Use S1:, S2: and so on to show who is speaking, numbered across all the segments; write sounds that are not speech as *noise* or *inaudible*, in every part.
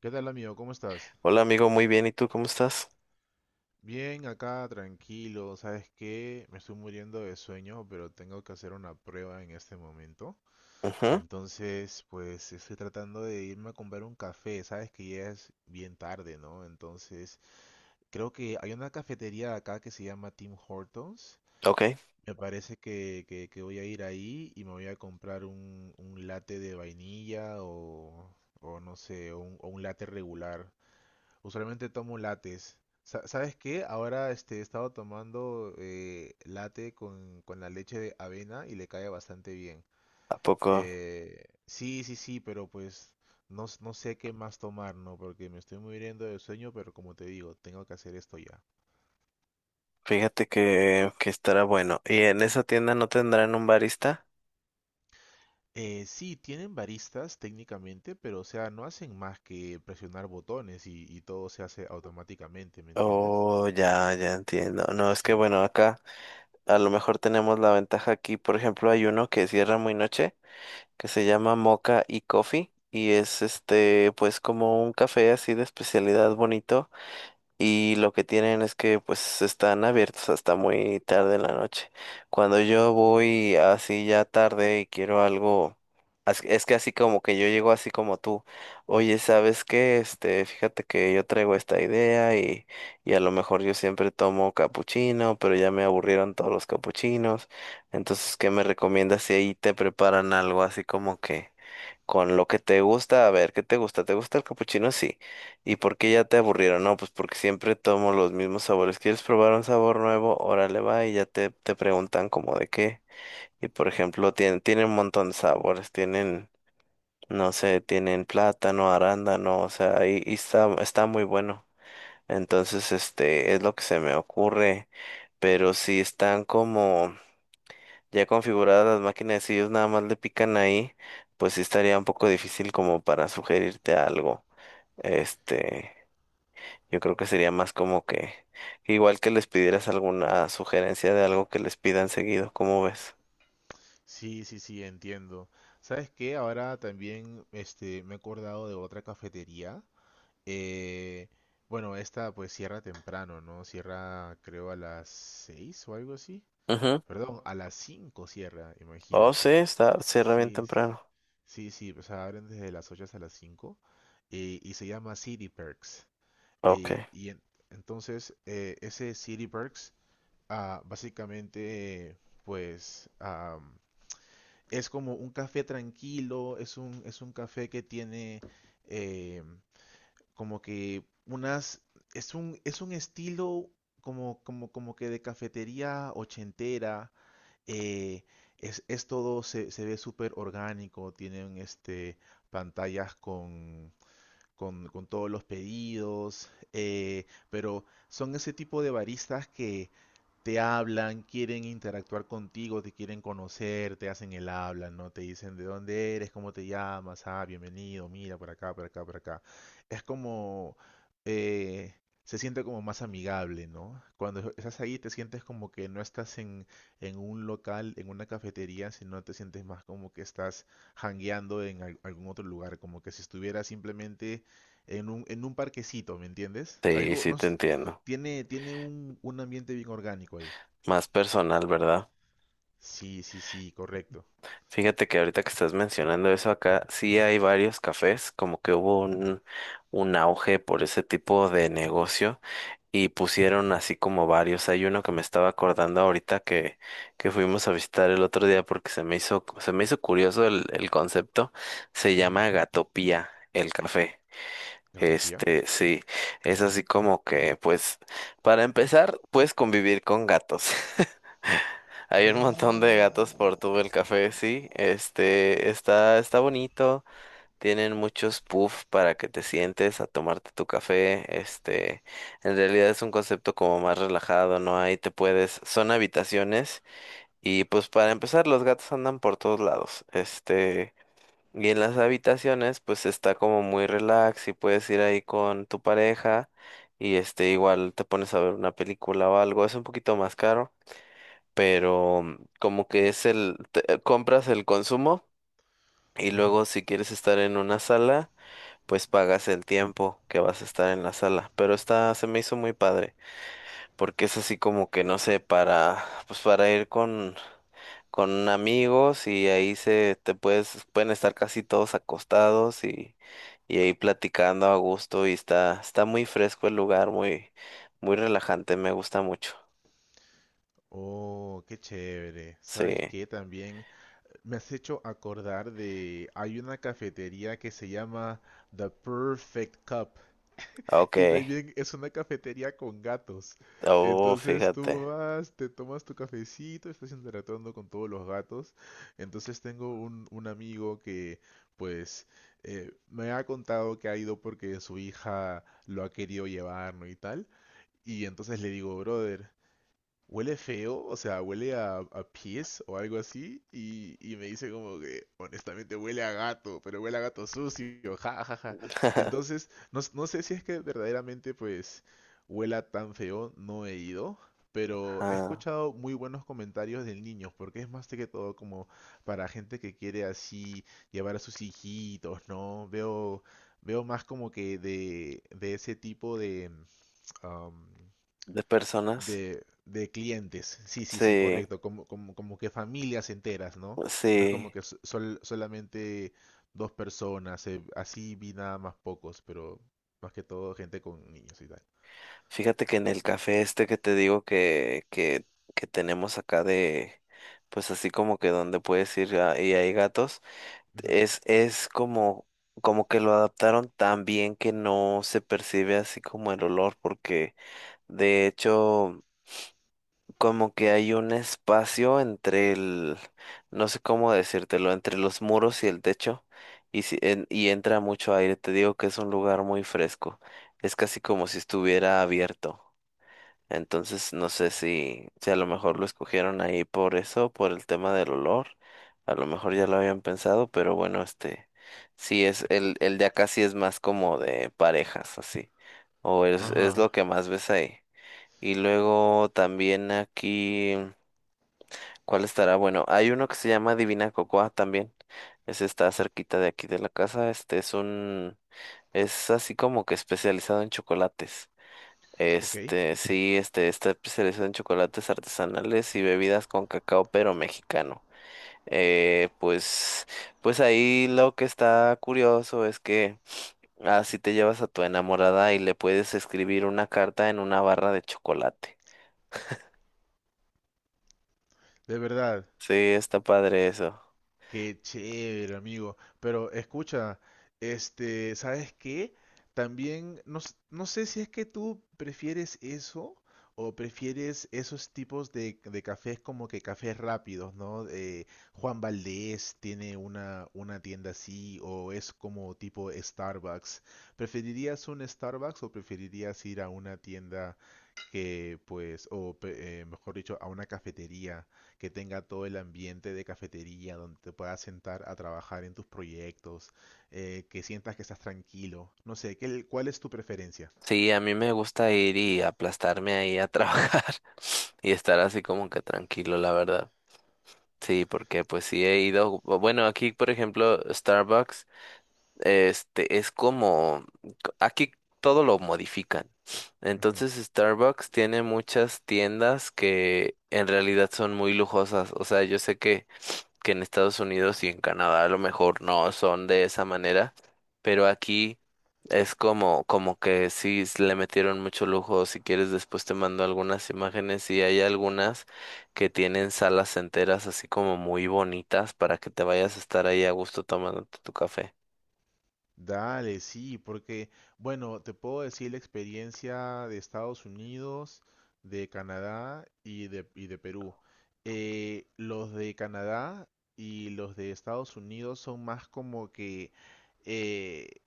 S1: ¿Qué tal, amigo? ¿Cómo estás?
S2: Hola amigo, muy bien. ¿Y tú cómo estás?
S1: Bien, acá tranquilo. ¿Sabes qué? Me estoy muriendo de sueño, pero tengo que hacer una prueba en este momento.
S2: Ujú.
S1: Entonces, pues estoy tratando de irme a comprar un café. Sabes que ya es bien tarde, ¿no? Entonces, creo que hay una cafetería acá que se llama Tim Hortons.
S2: Ok.
S1: Me parece que voy a ir ahí y me voy a comprar un latte de vainilla o no sé, o un latte regular. Usualmente tomo lates. ¿Sabes qué? Ahora este, he estado tomando latte con la leche de avena y le cae bastante bien.
S2: ¿A poco?
S1: Sí, sí, sí, pero pues no sé qué más tomar, ¿no? Porque me estoy muriendo de sueño, pero como te digo, tengo que hacer esto ya.
S2: Fíjate que estará bueno. ¿Y en esa tienda no tendrán un barista?
S1: Sí, tienen baristas técnicamente, pero o sea, no hacen más que presionar botones y todo se hace automáticamente, ¿me entiendes?
S2: Oh, ya, ya entiendo. No, es que
S1: Sí.
S2: bueno, acá a lo mejor tenemos la ventaja aquí. Por ejemplo, hay uno que cierra muy noche, que se llama Mocha y Coffee. Y es este, pues como un café así de especialidad bonito. Y lo que tienen es que pues están abiertos hasta muy tarde en la noche. Cuando yo voy así ya tarde y quiero algo, es que así como que yo llego así como tú, oye, ¿sabes qué? Este, fíjate que yo traigo esta idea y a lo mejor yo siempre tomo capuchino, pero ya me aburrieron todos los capuchinos. Entonces, ¿qué me recomiendas si ahí te preparan algo así como que con lo que te gusta? A ver, ¿qué te gusta? ¿Te gusta el capuchino? Sí. ¿Y por qué ya te aburrieron? No, pues porque siempre tomo los mismos sabores. ¿Quieres probar un sabor nuevo? Órale, va, y ya te preguntan como de qué. Y por ejemplo, tienen un montón de sabores, tienen, no sé, tienen plátano, arándano, o sea, y está muy bueno. Entonces, este, es lo que se me ocurre. Pero si están como ya configuradas las máquinas, si ellos nada más le pican ahí, pues sí estaría un poco difícil como para sugerirte algo. Este, yo creo que sería más como que, igual, que les pidieras alguna sugerencia de algo que les pidan seguido. ¿Cómo ves?
S1: Sí, sí, sí, entiendo. ¿Sabes qué? Ahora también este, me he acordado de otra cafetería. Eh, bueno, esta pues cierra temprano, ¿no? Cierra creo a las 6 o algo así.
S2: Ujú.
S1: Perdón, a las 5 cierra,
S2: Oh, sí,
S1: imagínate.
S2: cierra bien
S1: Sí, s-
S2: temprano.
S1: sí, sí, o sea, abren desde las 8 hasta las 5. Y se llama City Perks. Eh,
S2: Ok.
S1: y en- entonces, ese City Perks, básicamente, pues... es como un café tranquilo, es un café que tiene eh, como que unas, es un estilo como que de cafetería ochentera, eh, es todo, se ve súper orgánico, tienen este, pantallas con, con todos los pedidos, pero son ese tipo de baristas que te hablan, quieren interactuar contigo, te quieren conocer, te hacen el habla, ¿no? Te dicen de dónde eres, cómo te llamas, ah, bienvenido, mira, por acá, por acá, por acá. Es como, eh, se siente como más amigable, ¿no? Cuando estás ahí te sientes como que no estás en un local, en una cafetería, sino te sientes más como que estás hangueando en algún otro lugar, como que si estuvieras simplemente en un parquecito, ¿me entiendes?
S2: Sí,
S1: Algo,
S2: sí
S1: no,
S2: te
S1: s-
S2: entiendo.
S1: tiene, un ambiente bien orgánico ahí.
S2: Más personal, ¿verdad?
S1: Sí, sí, sí, correcto.
S2: Fíjate que ahorita que estás mencionando eso acá, sí hay varios cafés, como que hubo un auge por ese tipo de negocio. Y pusieron así como varios. Hay uno que me estaba acordando ahorita que fuimos a visitar el otro día porque se me hizo curioso el concepto. Se
S1: Ujú.
S2: llama Gatopía, el café.
S1: Gatopía.
S2: Este, sí, es así como que, pues, para empezar, puedes convivir con gatos. *laughs* Hay un montón de gatos por todo el café, sí.
S1: Oh.
S2: Este, está bonito. Tienen muchos puffs para que te sientes a tomarte tu café. Este, en realidad es un concepto como más relajado, ¿no? Ahí son habitaciones y pues para empezar los gatos andan por todos lados. Este, y en las habitaciones pues está como muy relax y puedes ir ahí con tu pareja y este, igual te pones a ver una película o algo. Es un poquito más caro, pero como que compras el consumo y
S1: Ujú.
S2: luego si quieres estar en una sala pues pagas el tiempo que vas a estar en la sala. Pero esta se me hizo muy padre, porque es así como que, no sé, pues para ir con amigos y ahí pueden estar casi todos acostados y ahí platicando a gusto y está muy fresco el lugar, muy, muy relajante, me gusta mucho.
S1: Oh, qué chévere. ¿Sabes
S2: Sí,
S1: qué? También me has hecho acordar de... Hay una cafetería que se llama The Perfect Cup.
S2: ok.
S1: Y también es una cafetería con gatos.
S2: Oh,
S1: Entonces
S2: fíjate.
S1: tú vas, te tomas tu cafecito, estás interactuando con todos los gatos. Entonces tengo un amigo que pues me ha contado que ha ido porque su hija lo ha querido llevar, ¿no? Y tal. Y entonces le digo, brother, huele feo, o sea, huele a pies o algo así, y me dice como que, honestamente, huele a gato, pero huele a gato sucio, ja, ja, ja.
S2: *laughs*
S1: Entonces, no sé si es que verdaderamente, pues, huela tan feo, no he ido, pero he
S2: Ajá.
S1: escuchado muy buenos comentarios del niño, porque es más que todo como para gente que quiere así llevar a sus hijitos, ¿no? Veo, veo más como que de ese tipo de... *tsk* am,
S2: De personas.
S1: de clientes. Sí, sí, sí,
S2: Sí,
S1: correcto. Como, como, como que familias enteras, ¿no? No es como
S2: sí.
S1: que solamente dos personas. Así vi nada más pocos, pero más que todo gente con niños y tal.
S2: Fíjate que en el café este que te digo que tenemos acá de, pues así como que donde puedes ir y hay gatos,
S1: Ujú,
S2: es como que lo adaptaron tan bien que no se percibe así como el olor, porque de hecho como que hay un espacio entre el, no sé cómo decírtelo, entre los muros y el techo, y, si, y entra mucho aire, te digo que es un lugar muy fresco, es casi como si estuviera abierto. Entonces no sé si a lo mejor lo escogieron ahí por eso, por el tema del olor. A lo mejor ya
S1: ujú.
S2: lo habían pensado, pero bueno, este, el de acá sí es más como de parejas, así. O es
S1: Ajá.
S2: lo que más ves ahí. Y luego también aquí, ¿cuál estará? Bueno, hay uno que se llama Divina Cocoa también. Ese está cerquita de aquí de la casa. Este es así como que especializado en chocolates.
S1: Ok,
S2: Este, sí, este, está especializado en chocolates artesanales y bebidas con cacao, pero mexicano. Eh, pues, pues ahí lo que está curioso es que así te llevas a tu enamorada y le puedes escribir una carta en una barra de chocolate.
S1: de verdad.
S2: Sí, está padre eso.
S1: Qué chévere, amigo. Pero escucha, este, ¿sabes qué? También, no sé si es que tú prefieres eso o prefieres esos tipos de cafés como que cafés rápidos, ¿no? Juan Valdez tiene una tienda así o es como tipo Starbucks. ¿Preferirías un Starbucks o preferirías ir a una tienda que pues, o mejor dicho, a una cafetería que tenga todo el ambiente de cafetería, donde te puedas sentar a trabajar en tus proyectos, que sientas que estás tranquilo. No sé, ¿cuál es tu preferencia?
S2: Sí, a mí me gusta ir y aplastarme ahí a trabajar *laughs* y estar así como que tranquilo, la verdad. Sí, porque pues sí he ido, bueno, aquí por ejemplo, Starbucks. Este es como, aquí todo lo modifican.
S1: Ujú.
S2: Entonces Starbucks tiene muchas tiendas que en realidad son muy lujosas. O sea, yo sé que en Estados Unidos y en Canadá a lo mejor no son de esa manera, pero aquí es como que sí le metieron mucho lujo. Si quieres, después te mando algunas imágenes y hay algunas que tienen salas enteras así como muy bonitas para que te vayas a estar ahí a gusto tomándote tu café.
S1: Dale, sí, porque, bueno, te puedo decir la experiencia de Estados Unidos, de Canadá y de Perú. Los de Canadá y los de Estados Unidos son más como que eh,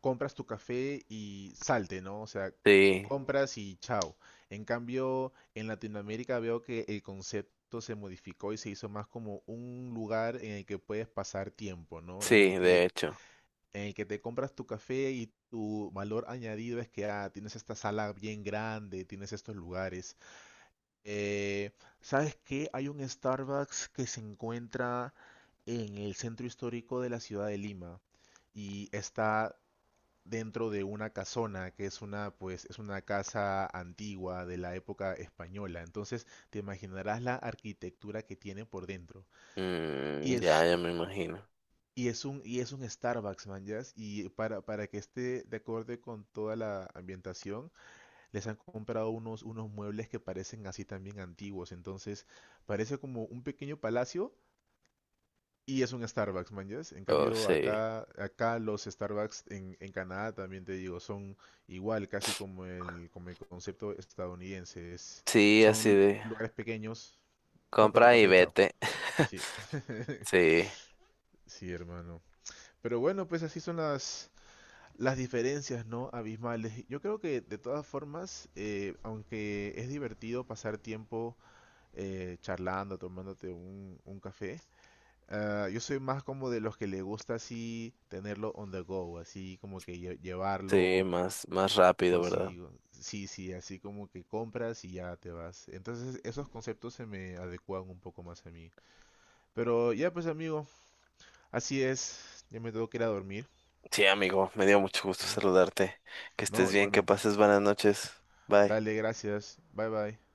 S1: compras tu café y salte, ¿no? O sea,
S2: Sí,
S1: compras y chao. En cambio, en Latinoamérica veo que el concepto se modificó y se hizo más como un lugar en el que puedes pasar tiempo, ¿no?
S2: sí, de hecho.
S1: En el que te compras tu café y tu valor añadido es que ah, tienes esta sala bien grande, tienes estos lugares. Eh, ¿Sabes qué? Hay un Starbucks que se encuentra en el centro histórico de la ciudad de Lima y está dentro de una casona, que es una, pues, es una casa antigua de la época española. Entonces, te imaginarás la arquitectura que tiene por dentro. Y
S2: Ya,
S1: es,
S2: ya me imagino.
S1: y es un Starbucks, man, ya. Y para que esté de acorde con toda la ambientación, les han comprado unos muebles que parecen así también antiguos. Entonces, parece como un pequeño palacio. Y es un Starbucks, man, ¿yes? En
S2: Oh,
S1: cambio,
S2: sí.
S1: acá los Starbucks en Canadá también te digo, son igual, casi como como el concepto estadounidense.
S2: Sí, así
S1: Son
S2: de
S1: lugares pequeños, compra tu
S2: compra y
S1: café, chao.
S2: vete. *laughs*
S1: Sí, *laughs*
S2: Sí,
S1: sí, hermano. Pero bueno, pues así son las diferencias, ¿no? Abismales. Yo creo que de todas formas, aunque es divertido pasar tiempo charlando, tomándote un café, ah, yo soy más como de los que le gusta así tenerlo on the go, así como que
S2: sí,
S1: llevarlo
S2: más, más rápido, ¿verdad?
S1: consigo. Sí, sí, así como que compras y ya te vas. Entonces esos conceptos se me adecuan un poco más a mí. Pero ya pues amigo, así es. Ya me tengo que ir a dormir.
S2: Sí, amigo, me dio mucho gusto
S1: Sí.
S2: saludarte. Que
S1: No,
S2: estés bien, que
S1: igualmente.
S2: pases buenas noches. Bye.
S1: Dale, gracias. Bye bye.